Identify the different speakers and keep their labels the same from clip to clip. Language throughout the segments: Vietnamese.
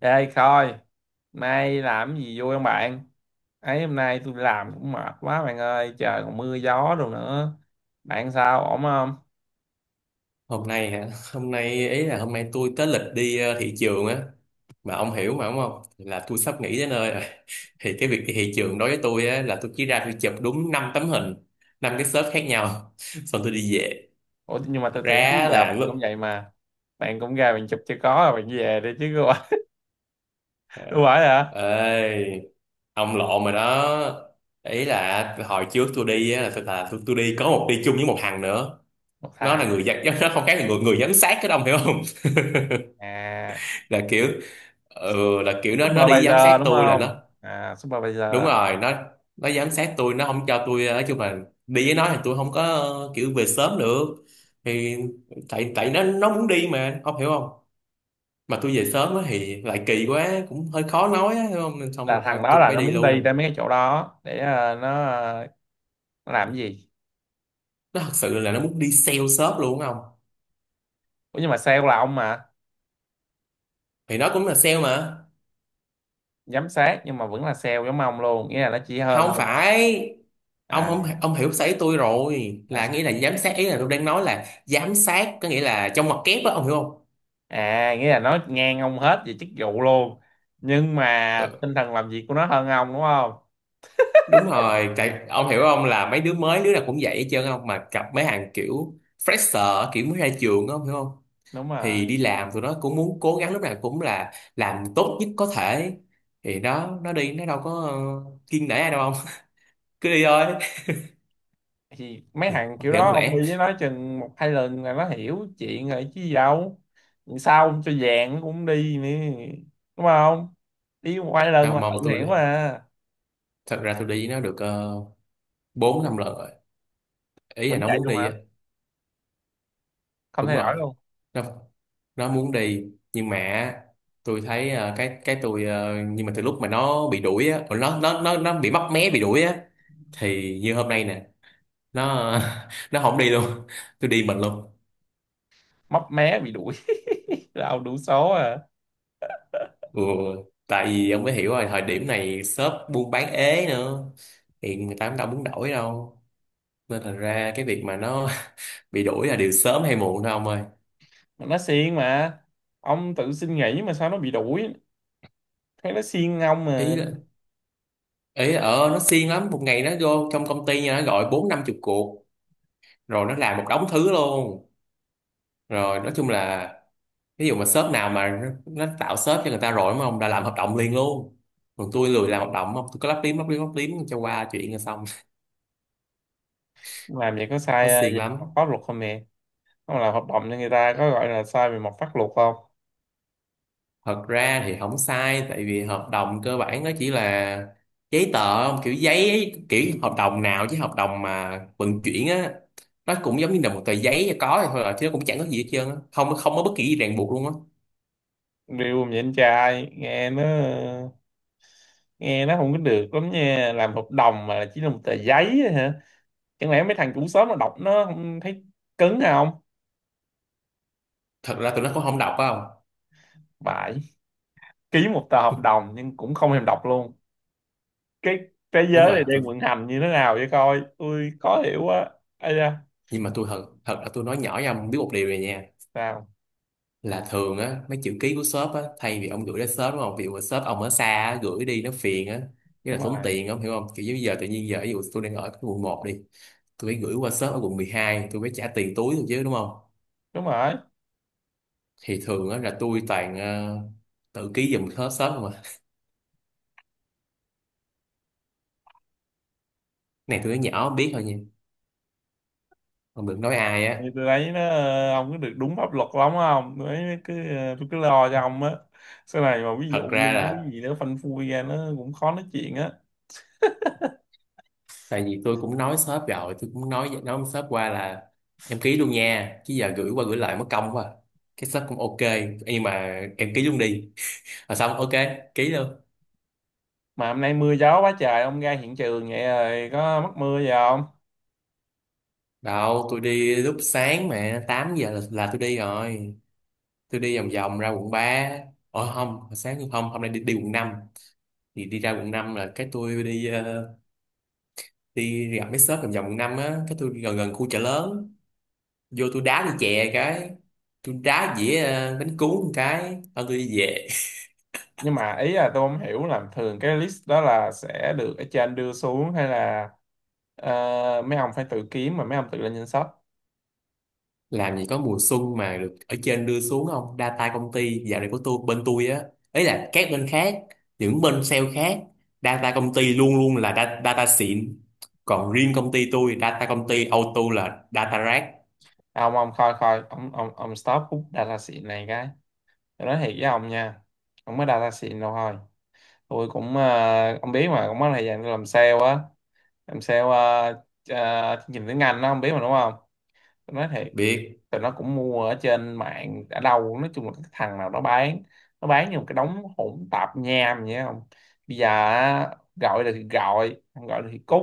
Speaker 1: Ê coi, nay làm cái gì vui không bạn? Ấy hôm nay tôi làm cũng mệt quá bạn ơi, trời còn mưa gió đồ nữa. Bạn sao, ổn không?
Speaker 2: Hôm nay hả? Hôm nay ý là hôm nay tôi tới lịch đi thị trường á. Mà ông hiểu mà, đúng không, là tôi sắp nghỉ tới nơi rồi. Thì cái việc đi thị trường đối với tôi á là tôi chỉ ra tôi chụp đúng 5 tấm hình, 5 cái shop khác nhau. Xong tôi đi về.
Speaker 1: Ủa nhưng mà
Speaker 2: Thật
Speaker 1: tôi tưởng trước
Speaker 2: ra
Speaker 1: giờ
Speaker 2: là
Speaker 1: bạn
Speaker 2: lúc
Speaker 1: cũng vậy mà. Bạn cũng ra bạn chụp cho có rồi bạn về đi chứ, không phải
Speaker 2: ờ,
Speaker 1: không hả?
Speaker 2: ê, ông lộn rồi đó. Ý là hồi trước tôi đi á, là tôi đi có một đi chung với một thằng nữa.
Speaker 1: Một
Speaker 2: Nó là
Speaker 1: thằng.
Speaker 2: người giám- nó không khác là người người giám sát, cái ông hiểu không?
Speaker 1: À,
Speaker 2: Là kiểu, ừ, là kiểu nó đi giám
Speaker 1: supervisor
Speaker 2: sát
Speaker 1: đúng
Speaker 2: tôi, là
Speaker 1: không?
Speaker 2: nó.
Speaker 1: Supervisor
Speaker 2: Đúng rồi. Nó giám sát tôi, nó không cho tôi, nói chung là đi với nó thì tôi không có, kiểu về sớm được. Thì tại tại nó muốn đi, mà ông hiểu không? Mà tôi về sớm á thì lại kỳ quá, cũng hơi khó nói á, hiểu không, nên xong
Speaker 1: là
Speaker 2: thôi
Speaker 1: thằng đó
Speaker 2: tôi
Speaker 1: là
Speaker 2: phải
Speaker 1: nó
Speaker 2: đi
Speaker 1: muốn đi
Speaker 2: luôn.
Speaker 1: tới mấy cái chỗ đó để, nó làm cái gì?
Speaker 2: Nó thật sự là nó muốn đi sale shop luôn không.
Speaker 1: Ủa nhưng mà sale là ông mà,
Speaker 2: Thì nó cũng là sale mà.
Speaker 1: giám sát nhưng mà vẫn là sale giống ông luôn, nghĩa là nó chỉ hơn
Speaker 2: Không
Speaker 1: ông.
Speaker 2: phải, ông không,
Speaker 1: À.
Speaker 2: ông hiểu sấy tôi rồi,
Speaker 1: À,
Speaker 2: là
Speaker 1: sao?
Speaker 2: nghĩa là giám sát, ý là tôi đang nói là giám sát có nghĩa là trong mặt kép á, ông hiểu không?
Speaker 1: À nghĩa là nó ngang ông hết về chức vụ luôn, nhưng mà
Speaker 2: Ừ,
Speaker 1: tinh thần làm việc của nó hơn ông đúng không?
Speaker 2: đúng rồi, tại ông hiểu không, là mấy đứa mới đứa nào cũng vậy hết trơn không, mà gặp mấy hàng kiểu fresher, kiểu mới ra trường á, ông hiểu không?
Speaker 1: Đúng rồi.
Speaker 2: Thì đi làm tụi nó cũng muốn cố gắng, lúc nào cũng là làm tốt nhất có thể. Thì nó đi, nó đâu có kiêng nể ai đâu ông. Cứ đi thôi.
Speaker 1: Thì mấy
Speaker 2: thì,
Speaker 1: thằng kiểu
Speaker 2: thì không
Speaker 1: đó ông
Speaker 2: lẽ,
Speaker 1: đi với nó chừng một hai lần là nó hiểu chuyện rồi chứ gì đâu. Sao ông cho vàng nó cũng đi nữa, đúng không? Đi một hai lần
Speaker 2: mà
Speaker 1: là tự
Speaker 2: mong tôi
Speaker 1: hiểu
Speaker 2: đi,
Speaker 1: mà.
Speaker 2: thật ra tôi đi nó được, uh, 4 5 lần rồi, ý là
Speaker 1: Vẫn
Speaker 2: nó
Speaker 1: vậy
Speaker 2: muốn
Speaker 1: luôn
Speaker 2: đi
Speaker 1: hả?
Speaker 2: á.
Speaker 1: Không
Speaker 2: Đúng
Speaker 1: thay
Speaker 2: rồi,
Speaker 1: đổi luôn?
Speaker 2: nó nó muốn đi, nhưng mà tôi thấy, cái tôi nhưng mà từ lúc mà nó bị đuổi á, còn nó bị móc mé bị đuổi á. Thì như hôm nay nè, nó nó không đi luôn, tôi đi mình luôn.
Speaker 1: Mấp mé bị đuổi. Là ông đủ số à?
Speaker 2: Ừ, tại vì ông mới hiểu rồi, thời điểm này shop buôn bán ế nữa. Thì người ta cũng đâu muốn đổi đâu. Nên thành ra cái việc mà nó bị đuổi là điều sớm hay muộn thôi ông ơi.
Speaker 1: Mà nó siêng mà. Ông tự xin nghỉ mà sao nó bị đuổi, thấy nó siêng ông mà.
Speaker 2: Ý là ý là ờ nó siêng lắm, một ngày nó vô trong công ty nha, nó gọi 40 50 cuộc. Rồi nó làm một đống thứ luôn. Rồi nói chung là ví dụ mà shop nào mà nó tạo shop cho người ta rồi đúng không, đã làm hợp đồng liền luôn. Còn tôi lười làm hợp đồng không, tôi cứ lắp liếm lắp liếm lắp liếm cho qua chuyện là xong.
Speaker 1: Làm vậy có
Speaker 2: Nó
Speaker 1: sai
Speaker 2: xiên
Speaker 1: về mặt
Speaker 2: lắm.
Speaker 1: pháp luật không nè? Không làm hợp đồng cho người ta có gọi là sai về mặt pháp luật không?
Speaker 2: Thật ra thì không sai, tại vì hợp đồng cơ bản nó chỉ là giấy tờ không? Kiểu giấy, kiểu hợp đồng nào chứ hợp đồng mà vận chuyển á, nó cũng giống như là một tờ giấy và có thôi à, chứ nó cũng chẳng có gì hết trơn á, không không có bất kỳ gì ràng buộc luôn á.
Speaker 1: Điều mà vậy anh trai nghe nó, nghe nó không có được lắm nha, làm hợp đồng mà chỉ là một tờ giấy á hả? Chẳng lẽ mấy thằng chủ sớm mà đọc nó không thấy cứng không?
Speaker 2: Thật ra tụi nó cũng không đọc phải không.
Speaker 1: Bại, ký một tờ hợp đồng nhưng cũng không thèm đọc luôn. Cái thế
Speaker 2: Đúng
Speaker 1: giới
Speaker 2: rồi,
Speaker 1: này đang vận hành như thế nào vậy coi, ui khó hiểu quá. Ây da.
Speaker 2: nhưng mà tôi thật thật là tôi nói nhỏ với ông biết một điều này nha.
Speaker 1: Sao?
Speaker 2: Là thường á mấy chữ ký của shop á, thay vì ông gửi đến shop đúng không, ví dụ mà shop ông ở xa á, gửi đi nó phiền á. Nghĩa là
Speaker 1: Đúng
Speaker 2: tốn
Speaker 1: rồi,
Speaker 2: tiền, ông hiểu không, kiểu như giờ tự nhiên giờ ví dụ tôi đang ở cái quận 1 đi. Tôi phải gửi qua shop ở quận 12, tôi phải trả tiền túi thôi chứ đúng không.
Speaker 1: đúng rồi.
Speaker 2: Thì thường á là tôi toàn tự ký giùm shop shop không à. Này tôi nói nhỏ biết thôi nha, ông đừng nói ai
Speaker 1: Thì
Speaker 2: á.
Speaker 1: tôi thấy nó, ông cứ được đúng pháp luật lắm không, tôi thấy cứ, tôi cứ lo cho ông á. Sau này mà ví dụ
Speaker 2: Thật
Speaker 1: như
Speaker 2: ra
Speaker 1: cái
Speaker 2: là
Speaker 1: gì nữa phanh phui ra nó cũng khó nói chuyện á.
Speaker 2: tại vì tôi cũng nói shop rồi, tôi cũng nói với shop qua là em ký luôn nha, chứ giờ gửi qua gửi lại mất công quá. Cái shop cũng ok. Nhưng mà em ký luôn đi, rồi xong, ok, ký luôn.
Speaker 1: Mà hôm nay mưa gió quá trời ông ra hiện trường vậy rồi có mắc mưa gì không?
Speaker 2: Đâu, tôi đi lúc sáng mà, 8 giờ là tôi đi rồi. Tôi đi vòng vòng ra quận 3, không hồi sáng, nhưng không, hôm nay đi quận 5, thì đi ra quận 5 là cái tôi đi, đi gặp mấy shop vòng vòng quận 5 á, cái tôi gần gần khu Chợ Lớn. Vô tôi đá đi chè, cái tôi đá dĩa bánh cuốn một cái, thôi tôi đi về.
Speaker 1: Nhưng mà ý là tôi không hiểu là thường cái list đó là sẽ được ở trên đưa xuống, hay là mấy ông phải tự kiếm, mà mấy ông tự lên danh sách?
Speaker 2: Làm gì có mùa xuân mà được ở trên đưa xuống không, data công ty dạo này của tôi bên tôi á, ấy là các bên khác, những bên sale khác data công ty luôn luôn là data, xịn. Còn riêng công ty tôi data công ty auto là data rác.
Speaker 1: À, ông coi coi, ông stop hút data xịn này cái. Tôi nói thiệt với ông nha, không có data xịn đâu thôi. Tôi cũng, à, ông biết mà cũng có thời gian tôi làm sale á. Làm sale, à, à, chương trình tiếng Anh đó ông biết mà đúng không? Tôi nói thiệt,
Speaker 2: Biết
Speaker 1: tụi nó cũng mua ở trên mạng ở đâu, nói chung là cái thằng nào nó bán, nó bán như một cái đống hỗn tạp nham vậy không. Bây giờ á, gọi được thì gọi, không gọi được thì cút.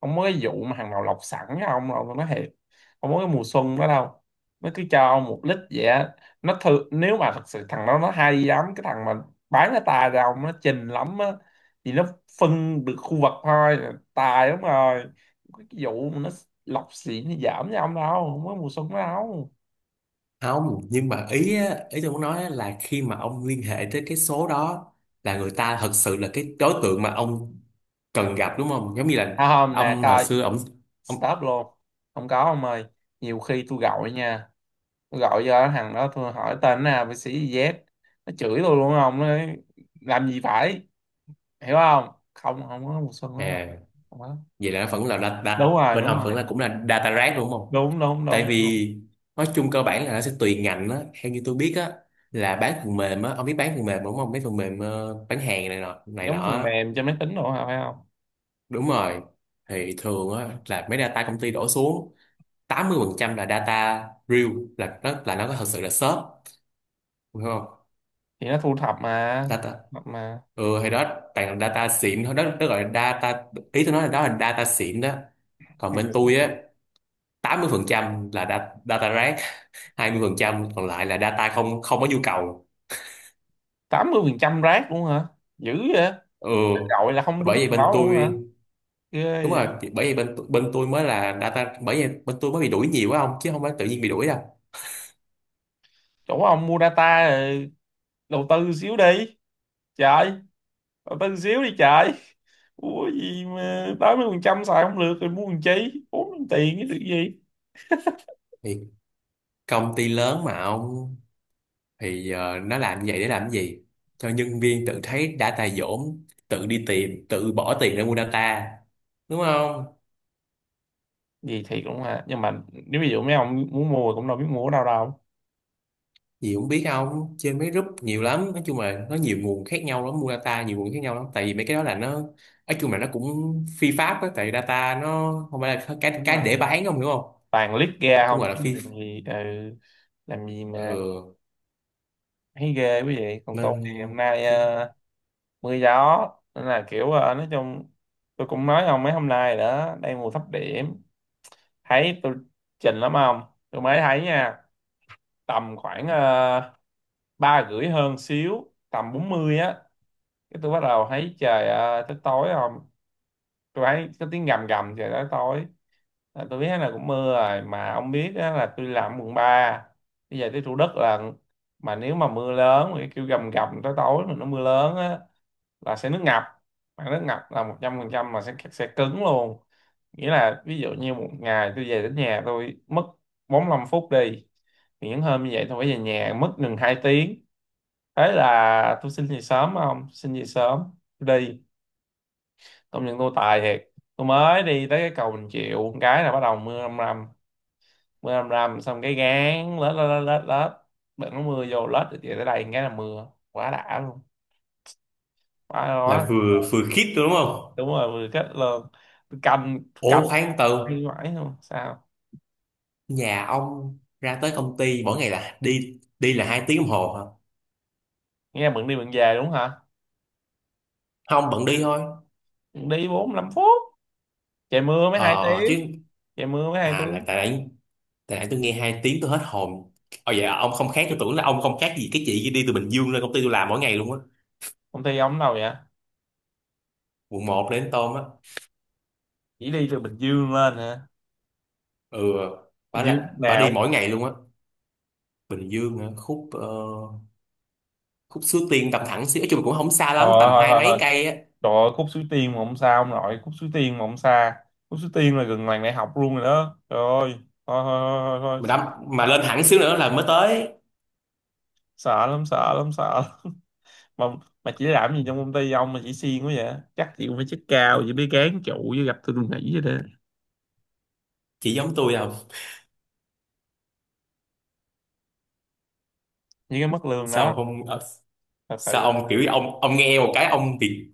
Speaker 1: Không có cái vụ mà hàng nào lọc sẵn với ông đâu, tôi nói thiệt. Không có cái mùa xuân đó đâu. Nó cứ cho ông một lít vậy á. Nó thử nếu mà thật sự thằng đó nó hay lắm, cái thằng mà bán cái tài ra ông nó trình lắm á, thì nó phân được khu vực thôi, tài lắm rồi. Cái vụ mà nó lọc xỉn thì giảm với ông đâu, không có mùa xuân đó đâu.
Speaker 2: không, nhưng mà ý á, ý tôi muốn nói á là khi mà ông liên hệ tới cái số đó là người ta thật sự là cái đối tượng mà ông cần gặp đúng không, giống như là
Speaker 1: À, không nè
Speaker 2: ông hồi
Speaker 1: coi,
Speaker 2: xưa ông,
Speaker 1: stop luôn, không có ông ơi. Nhiều khi tôi gọi nha, tôi gọi cho thằng đó tôi hỏi tên nào bác sĩ gì Z, nó chửi tôi luôn ông, nó nói, làm gì phải, hiểu không? Không, không có mùa xuân đúng không?
Speaker 2: à,
Speaker 1: Không có.
Speaker 2: vậy là nó vẫn là đặt đặt
Speaker 1: Đúng rồi,
Speaker 2: bên
Speaker 1: đúng
Speaker 2: ông
Speaker 1: rồi.
Speaker 2: vẫn là cũng là data rác đúng không.
Speaker 1: Đúng đúng
Speaker 2: Tại
Speaker 1: đúng, không?
Speaker 2: vì nói chung cơ bản là nó sẽ tùy ngành á, theo như tôi biết á, là bán phần mềm á, ông biết bán phần mềm đúng không, mấy phần mềm bán hàng này nọ
Speaker 1: Giống phần
Speaker 2: á.
Speaker 1: mềm cho máy tính đồ hả phải không?
Speaker 2: Đúng rồi thì thường á là mấy data công ty đổ xuống 80% là data real, là nó có thật sự là shop đúng không,
Speaker 1: Thì nó thu thập mà,
Speaker 2: data.
Speaker 1: thập mà.
Speaker 2: Ừ thì đó, toàn là data xịn thôi, đó đó gọi là data. Ý tôi nói là đó là data xịn đó. Còn bên tôi á 80% là data rác. 20% còn lại là data không không có nhu cầu.
Speaker 1: Tám mươi phần trăm rác luôn hả? Dữ vậy?
Speaker 2: Ừ
Speaker 1: Gọi là không đúng
Speaker 2: bởi vậy
Speaker 1: thằng
Speaker 2: bên
Speaker 1: đó luôn
Speaker 2: tôi.
Speaker 1: hả? Ghê
Speaker 2: Đúng
Speaker 1: vậy.
Speaker 2: rồi, thì bởi vậy bên bên tôi mới là data, bởi vậy bên tôi mới bị đuổi nhiều quá ông, chứ không phải tự nhiên bị đuổi đâu.
Speaker 1: Chỗ ông mua data rồi, đầu tư xíu đi trời, bà tin xíu đi trời. Mua gì mà 80% xài không được, rồi mua làm chi bốn tiền cái được gì?
Speaker 2: Thì công ty lớn mà ông, thì nó làm như vậy để làm cái gì, cho nhân viên tự thấy data dỗm, tự đi tìm, tự bỏ tiền để mua data, đúng không.
Speaker 1: Gì thiệt luôn ha, nhưng mà nếu ví dụ mấy ông muốn mua cũng đâu biết mua ở đâu đâu.
Speaker 2: Gì cũng biết không, trên mấy group nhiều lắm, nói chung là nó nhiều nguồn khác nhau lắm, mua data nhiều nguồn khác nhau lắm, tại vì mấy cái đó là nó nói chung là nó cũng phi pháp á, tại vì data nó không phải là cái
Speaker 1: Đúng
Speaker 2: cái để
Speaker 1: rồi,
Speaker 2: bán không, hiểu không?
Speaker 1: toàn lít ra
Speaker 2: Cũng
Speaker 1: không
Speaker 2: gọi là
Speaker 1: chứ
Speaker 2: phi,
Speaker 1: làm gì, ừ. Làm gì
Speaker 2: ờ,
Speaker 1: mà thấy ghê quý vị. Còn tôi
Speaker 2: nên
Speaker 1: thì hôm nay, mưa gió, nên là kiểu, nói chung tôi cũng nói ông mấy hôm nay đó đang mùa thấp điểm, thấy tôi trình lắm không? Tôi mới thấy nha, tầm khoảng, ba rưỡi hơn xíu tầm 40 á, cái tôi bắt đầu thấy trời, à, tới tối không? Tôi thấy có tiếng gầm gầm trời tới tối là tôi biết là cũng mưa rồi, mà ông biết á, là tôi làm quận 3. Bây giờ tới Thủ Đức là, mà nếu mà mưa lớn mà cái kêu gầm gầm tới tối mà nó mưa lớn á, là sẽ nước ngập. Mà nước ngập là 100% mà sẽ cứng luôn. Nghĩa là ví dụ như một ngày tôi về đến nhà tôi mất 45 phút đi, thì những hôm như vậy tôi phải về nhà mất gần 2 tiếng. Thế là tôi xin về sớm, không xin về sớm đi công nhận tôi tài thiệt. Tôi mới đi tới cái cầu Bình Triệu một cái là bắt đầu mưa rầm rầm, mưa rầm rầm xong cái gán lết lết lết lết lết, bận nó mưa vô lết được vậy tới đây một cái là mưa quá đã luôn, quá
Speaker 2: là
Speaker 1: quá.
Speaker 2: vừa vừa khít đúng không.
Speaker 1: Đúng rồi vừa kết luôn. Tôi cầm, cầm,
Speaker 2: Ủa khoan,
Speaker 1: hay
Speaker 2: từ
Speaker 1: mãi luôn sao?
Speaker 2: nhà ông ra tới công ty mỗi ngày là đi đi là 2 tiếng đồng hồ hả?
Speaker 1: Nghe bận đi bận về đúng hả?
Speaker 2: Không, bận đi thôi.
Speaker 1: Đi 45 phút, trời mưa mới hai
Speaker 2: Ờ chứ,
Speaker 1: tiếng trời mưa mới hai
Speaker 2: à, là
Speaker 1: tiếng.
Speaker 2: tại đấy, tại nãy tôi nghe 2 tiếng tôi hết hồn. Ồ vậy à, ông không khác, tôi tưởng là ông không khác gì cái chị kia đi từ Bình Dương lên công ty tôi làm mỗi ngày luôn á.
Speaker 1: Công ty ông ở đâu vậy?
Speaker 2: Quận một đến Tôm á.
Speaker 1: Chỉ đi từ Bình Dương lên hả?
Speaker 2: Ừ, bà
Speaker 1: Bình Dương
Speaker 2: là bà
Speaker 1: nào?
Speaker 2: đi mỗi ngày luôn á. Bình Dương hả? Khúc Suối Tiên tầm thẳng xíu, nói chung là cũng không xa
Speaker 1: Ờ,
Speaker 2: lắm, tầm
Speaker 1: thôi
Speaker 2: hai
Speaker 1: thôi
Speaker 2: mấy
Speaker 1: thôi.
Speaker 2: cây á.
Speaker 1: Trời ơi, Khúc Suối Tiên mà không xa ông nội, Khúc Suối Tiên mà không xa. Khúc Suối Tiên là gần làng đại học luôn rồi đó. Trời ơi, thôi thôi thôi, thôi, thôi.
Speaker 2: mà đâm
Speaker 1: Sợ,
Speaker 2: mà
Speaker 1: sợ,
Speaker 2: lên
Speaker 1: lắm,
Speaker 2: thẳng xíu nữa là mới tới.
Speaker 1: sợ lắm, sợ lắm, sợ lắm. Mà, mà chỉ làm gì trong công ty ông mà chỉ siêng quá vậy? Chắc chị cũng phải chức cao, chỉ biết gán trụ với gặp tôi nghỉ vậy đó.
Speaker 2: Chị giống tôi không?
Speaker 1: Với cái mức lương
Speaker 2: Sao
Speaker 1: đó,
Speaker 2: không ờ,
Speaker 1: thật sự
Speaker 2: Sao
Speaker 1: luôn.
Speaker 2: ông kiểu ông nghe một cái ông bị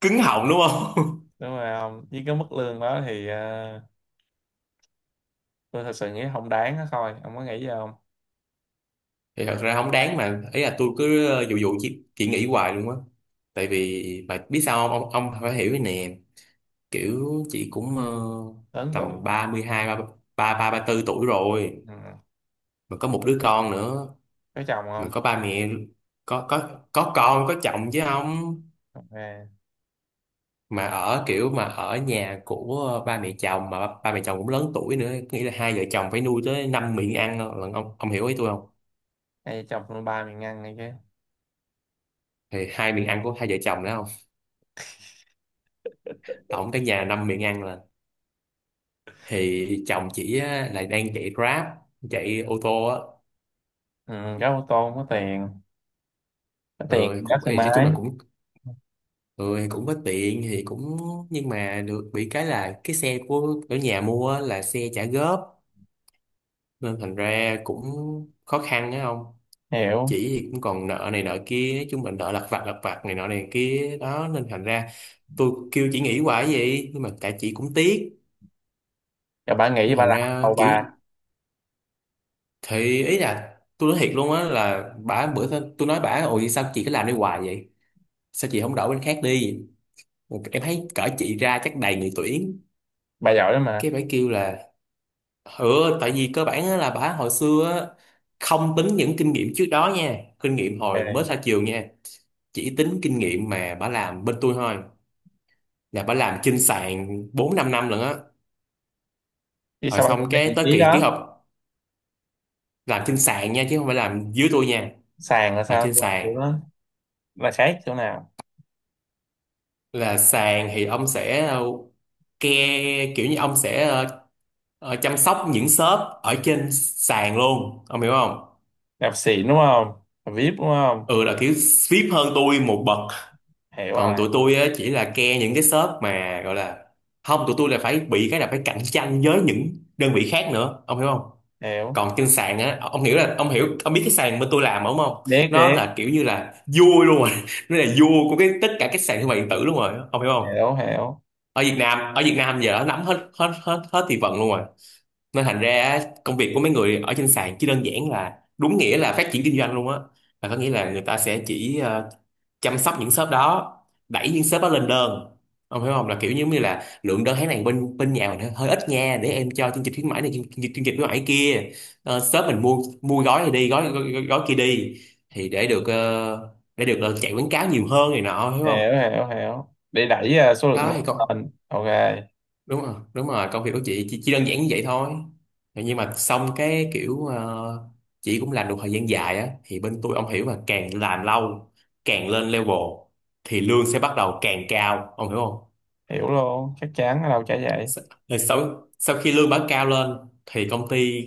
Speaker 2: cứng họng đúng không?
Speaker 1: Đúng rồi ông, với cái mức lương đó thì, tôi thật sự nghĩ không đáng đó thôi. Ông có nghĩ gì không?
Speaker 2: Thì thật ra không đáng, mà ý là tôi cứ dụ dụ chỉ nghĩ hoài luôn á. Tại vì mà biết sao không, ông phải hiểu cái nè, kiểu chị cũng
Speaker 1: Lớn tuổi.
Speaker 2: tầm 32, ba ba ba ba tư tuổi rồi,
Speaker 1: Ừ.
Speaker 2: mà có một đứa con nữa,
Speaker 1: Có chồng
Speaker 2: mà
Speaker 1: không?
Speaker 2: có ba mẹ, có con có chồng chứ không,
Speaker 1: Ok.
Speaker 2: mà ở kiểu mà ở nhà của ba mẹ chồng, mà ba mẹ chồng cũng lớn tuổi nữa, nghĩa là hai vợ chồng phải nuôi tới năm miệng ăn lận, ông hiểu ý tôi không?
Speaker 1: Hay chồng tôi ba miệng ăn này chứ.
Speaker 2: Thì hai miệng ăn của hai vợ chồng đó không, tổng cái nhà năm miệng ăn. Thì chồng chị á, là đang chạy Grab, chạy ô tô á.
Speaker 1: Ừ, có ô tô không có tiền, có tiền
Speaker 2: Ừ,
Speaker 1: rất
Speaker 2: cũng
Speaker 1: thoải
Speaker 2: thì nói chung là
Speaker 1: mái.
Speaker 2: cũng, ừ, thì cũng có tiện thì cũng, nhưng mà được bị cái là cái xe của ở nhà mua á, là xe trả góp, nên thành ra cũng khó khăn á. Không
Speaker 1: Hiểu
Speaker 2: chỉ thì cũng còn nợ này nợ kia, nói chung là nợ lặt vặt này nọ này kia đó, nên thành ra tôi kêu chị nghỉ hoài vậy nhưng mà tại chị cũng tiếc,
Speaker 1: rồi, bà nghĩ
Speaker 2: nên
Speaker 1: bà
Speaker 2: thành
Speaker 1: làm
Speaker 2: ra
Speaker 1: đầu
Speaker 2: kiểu.
Speaker 1: bà.
Speaker 2: Thì ý là tôi nói thiệt luôn á là bả bữa, tôi nói bả, ôi sao chị cứ làm đi hoài vậy, sao chị không đổi bên khác đi, em thấy cỡ chị ra chắc đầy người tuyển.
Speaker 1: Bà giỏi lắm mà.
Speaker 2: Cái bả kêu là, ừ tại vì cơ bản á là bà hồi xưa á, không tính những kinh nghiệm trước đó nha, kinh nghiệm hồi mới
Speaker 1: Rồi.
Speaker 2: ra trường nha, chỉ tính kinh nghiệm mà bà làm bên tôi thôi, là bà làm trên sàn 4 5 năm lận á.
Speaker 1: Chứ
Speaker 2: Rồi
Speaker 1: sao bà
Speaker 2: xong
Speaker 1: nghĩ ra vị
Speaker 2: cái tới
Speaker 1: trí
Speaker 2: kỳ ký
Speaker 1: đó?
Speaker 2: hợp, làm trên sàn nha chứ không phải làm dưới tôi nha.
Speaker 1: Sàn là
Speaker 2: Làm
Speaker 1: sao
Speaker 2: trên
Speaker 1: tôi không
Speaker 2: sàn
Speaker 1: hiểu đó, là khác chỗ nào?
Speaker 2: là, sàn thì ông sẽ ke kiểu như ông sẽ chăm sóc những shop ở trên sàn luôn, ông hiểu không?
Speaker 1: Đạp xịn đúng không? Đạp đúng không?
Speaker 2: Ừ, là kiểu vip hơn tôi một bậc.
Speaker 1: Hiểu
Speaker 2: Còn
Speaker 1: rồi.
Speaker 2: tụi tôi á, chỉ là ke những cái shop mà gọi là, không, tụi tôi là phải bị cái là phải cạnh tranh với những đơn vị khác nữa, ông hiểu không?
Speaker 1: Hiểu.
Speaker 2: Còn trên sàn á, ông hiểu là ông hiểu ông biết cái sàn bên tôi làm đúng không,
Speaker 1: Biết
Speaker 2: nó
Speaker 1: biết,
Speaker 2: là kiểu như là vua luôn rồi nó là vua của cái tất cả các sàn thương mại điện tử luôn rồi, ông hiểu không?
Speaker 1: hiểu hiểu
Speaker 2: Ở Việt Nam giờ nó nắm hết hết hết hết thị phần luôn rồi, nên thành ra á, công việc của mấy người ở trên sàn chỉ đơn giản là đúng nghĩa là phát triển kinh doanh luôn á, là có nghĩa là người ta sẽ chỉ chăm sóc những shop đó, đẩy những shop đó lên đơn. Ông hiểu không, là kiểu giống như là lượng đơn tháng này bên bên nhà mình hơi ít nha, để em cho chương trình khuyến mãi này, chương trình khuyến mãi kia. Shop mình mua mua gói này đi, gói gói kia đi, thì để được chạy quảng cáo nhiều hơn này nọ, hiểu không?
Speaker 1: hiểu. Hiểu hiểu để đẩy, à, số lượng
Speaker 2: Đó thì con.
Speaker 1: lên, ok.
Speaker 2: Đúng rồi, đúng rồi, công việc của chị chỉ đơn giản như vậy thôi. Nhưng mà xong cái kiểu chị cũng làm được thời gian dài á thì bên tôi ông hiểu, mà càng làm lâu càng lên level thì lương sẽ bắt đầu càng cao, ông hiểu không?
Speaker 1: Hiểu luôn, chắc chắn ở đâu chả vậy.
Speaker 2: Sa- Rồi sau sau khi lương bán cao lên thì công ty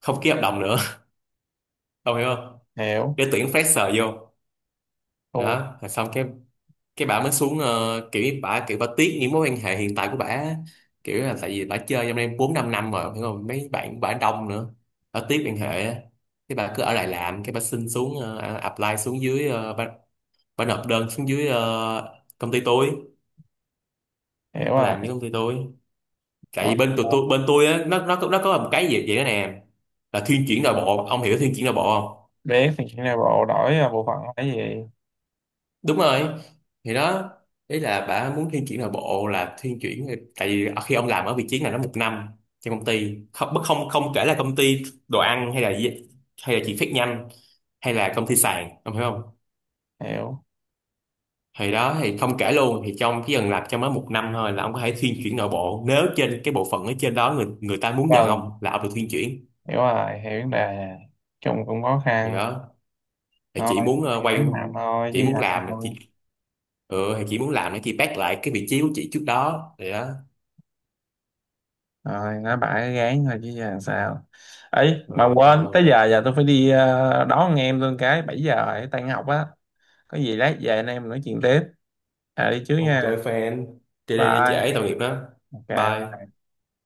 Speaker 2: không ký hợp đồng nữa ông hiểu không?
Speaker 1: Hiểu.
Speaker 2: Để tuyển fresher vô.
Speaker 1: Thua.
Speaker 2: Đó rồi xong cái bà mới xuống kiểu như, kiểu bà tiếc những mối quan hệ hiện tại của bà, kiểu là tại vì bà chơi trong đây bốn năm năm rồi hiểu không, mấy bạn của bà đông nữa, bà tiếc quan hệ á. Cái bà cứ ở lại làm, cái bà xin xuống apply xuống dưới bà nộp đơn xuống dưới công ty tôi,
Speaker 1: Hiểu
Speaker 2: bà
Speaker 1: rồi.
Speaker 2: làm với công ty tôi. Tại
Speaker 1: Ờ,
Speaker 2: vì bên tụi tôi, bên tôi á, nó có một cái gì vậy đó nè, là thuyên chuyển nội bộ, ông hiểu thuyên chuyển nội bộ.
Speaker 1: biết thì chuyện này bộ đổi, à, bộ phận là cái gì?
Speaker 2: Đúng rồi, thì đó, đấy là bà muốn thiên chuyển nội bộ, là thiên chuyển. Tại vì khi ông làm ở vị trí này nó một năm trong công ty, không bất- không không kể là công ty đồ ăn hay là chỉ phát nhanh, hay là công ty sàn, ông hiểu không?
Speaker 1: Hiểu.
Speaker 2: Thì đó thì không kể luôn, thì trong chỉ cần làm trong mới một năm thôi là ông có thể thiên chuyển nội bộ, nếu trên cái bộ phận ở trên đó người người ta muốn nhận
Speaker 1: Vâng.
Speaker 2: ông, là ông được thiên chuyển.
Speaker 1: Hiểu rồi, hiểu vấn đề chung cũng khó
Speaker 2: Thì
Speaker 1: khăn.
Speaker 2: đó thì chị
Speaker 1: Thôi,
Speaker 2: muốn quay,
Speaker 1: gán làm thôi
Speaker 2: chị
Speaker 1: chứ giờ
Speaker 2: muốn làm
Speaker 1: sao.
Speaker 2: chị, ừ thì chị muốn làm để chị back lại cái vị trí của chị trước đó, thì đó.
Speaker 1: Rồi nói bả gán thôi chứ giờ sao. Ấy
Speaker 2: Ừ,
Speaker 1: mà quên
Speaker 2: thôi.
Speaker 1: tới giờ, giờ tôi phải đi, đón anh em tôi cái 7 giờ rồi tan học á. Có gì lát về anh em nói chuyện tiếp, à đi trước
Speaker 2: Ok
Speaker 1: nha.
Speaker 2: fan. Đi đi đi trễ
Speaker 1: Bye.
Speaker 2: tội nghiệp đó.
Speaker 1: Ok.
Speaker 2: Bye.
Speaker 1: Bye.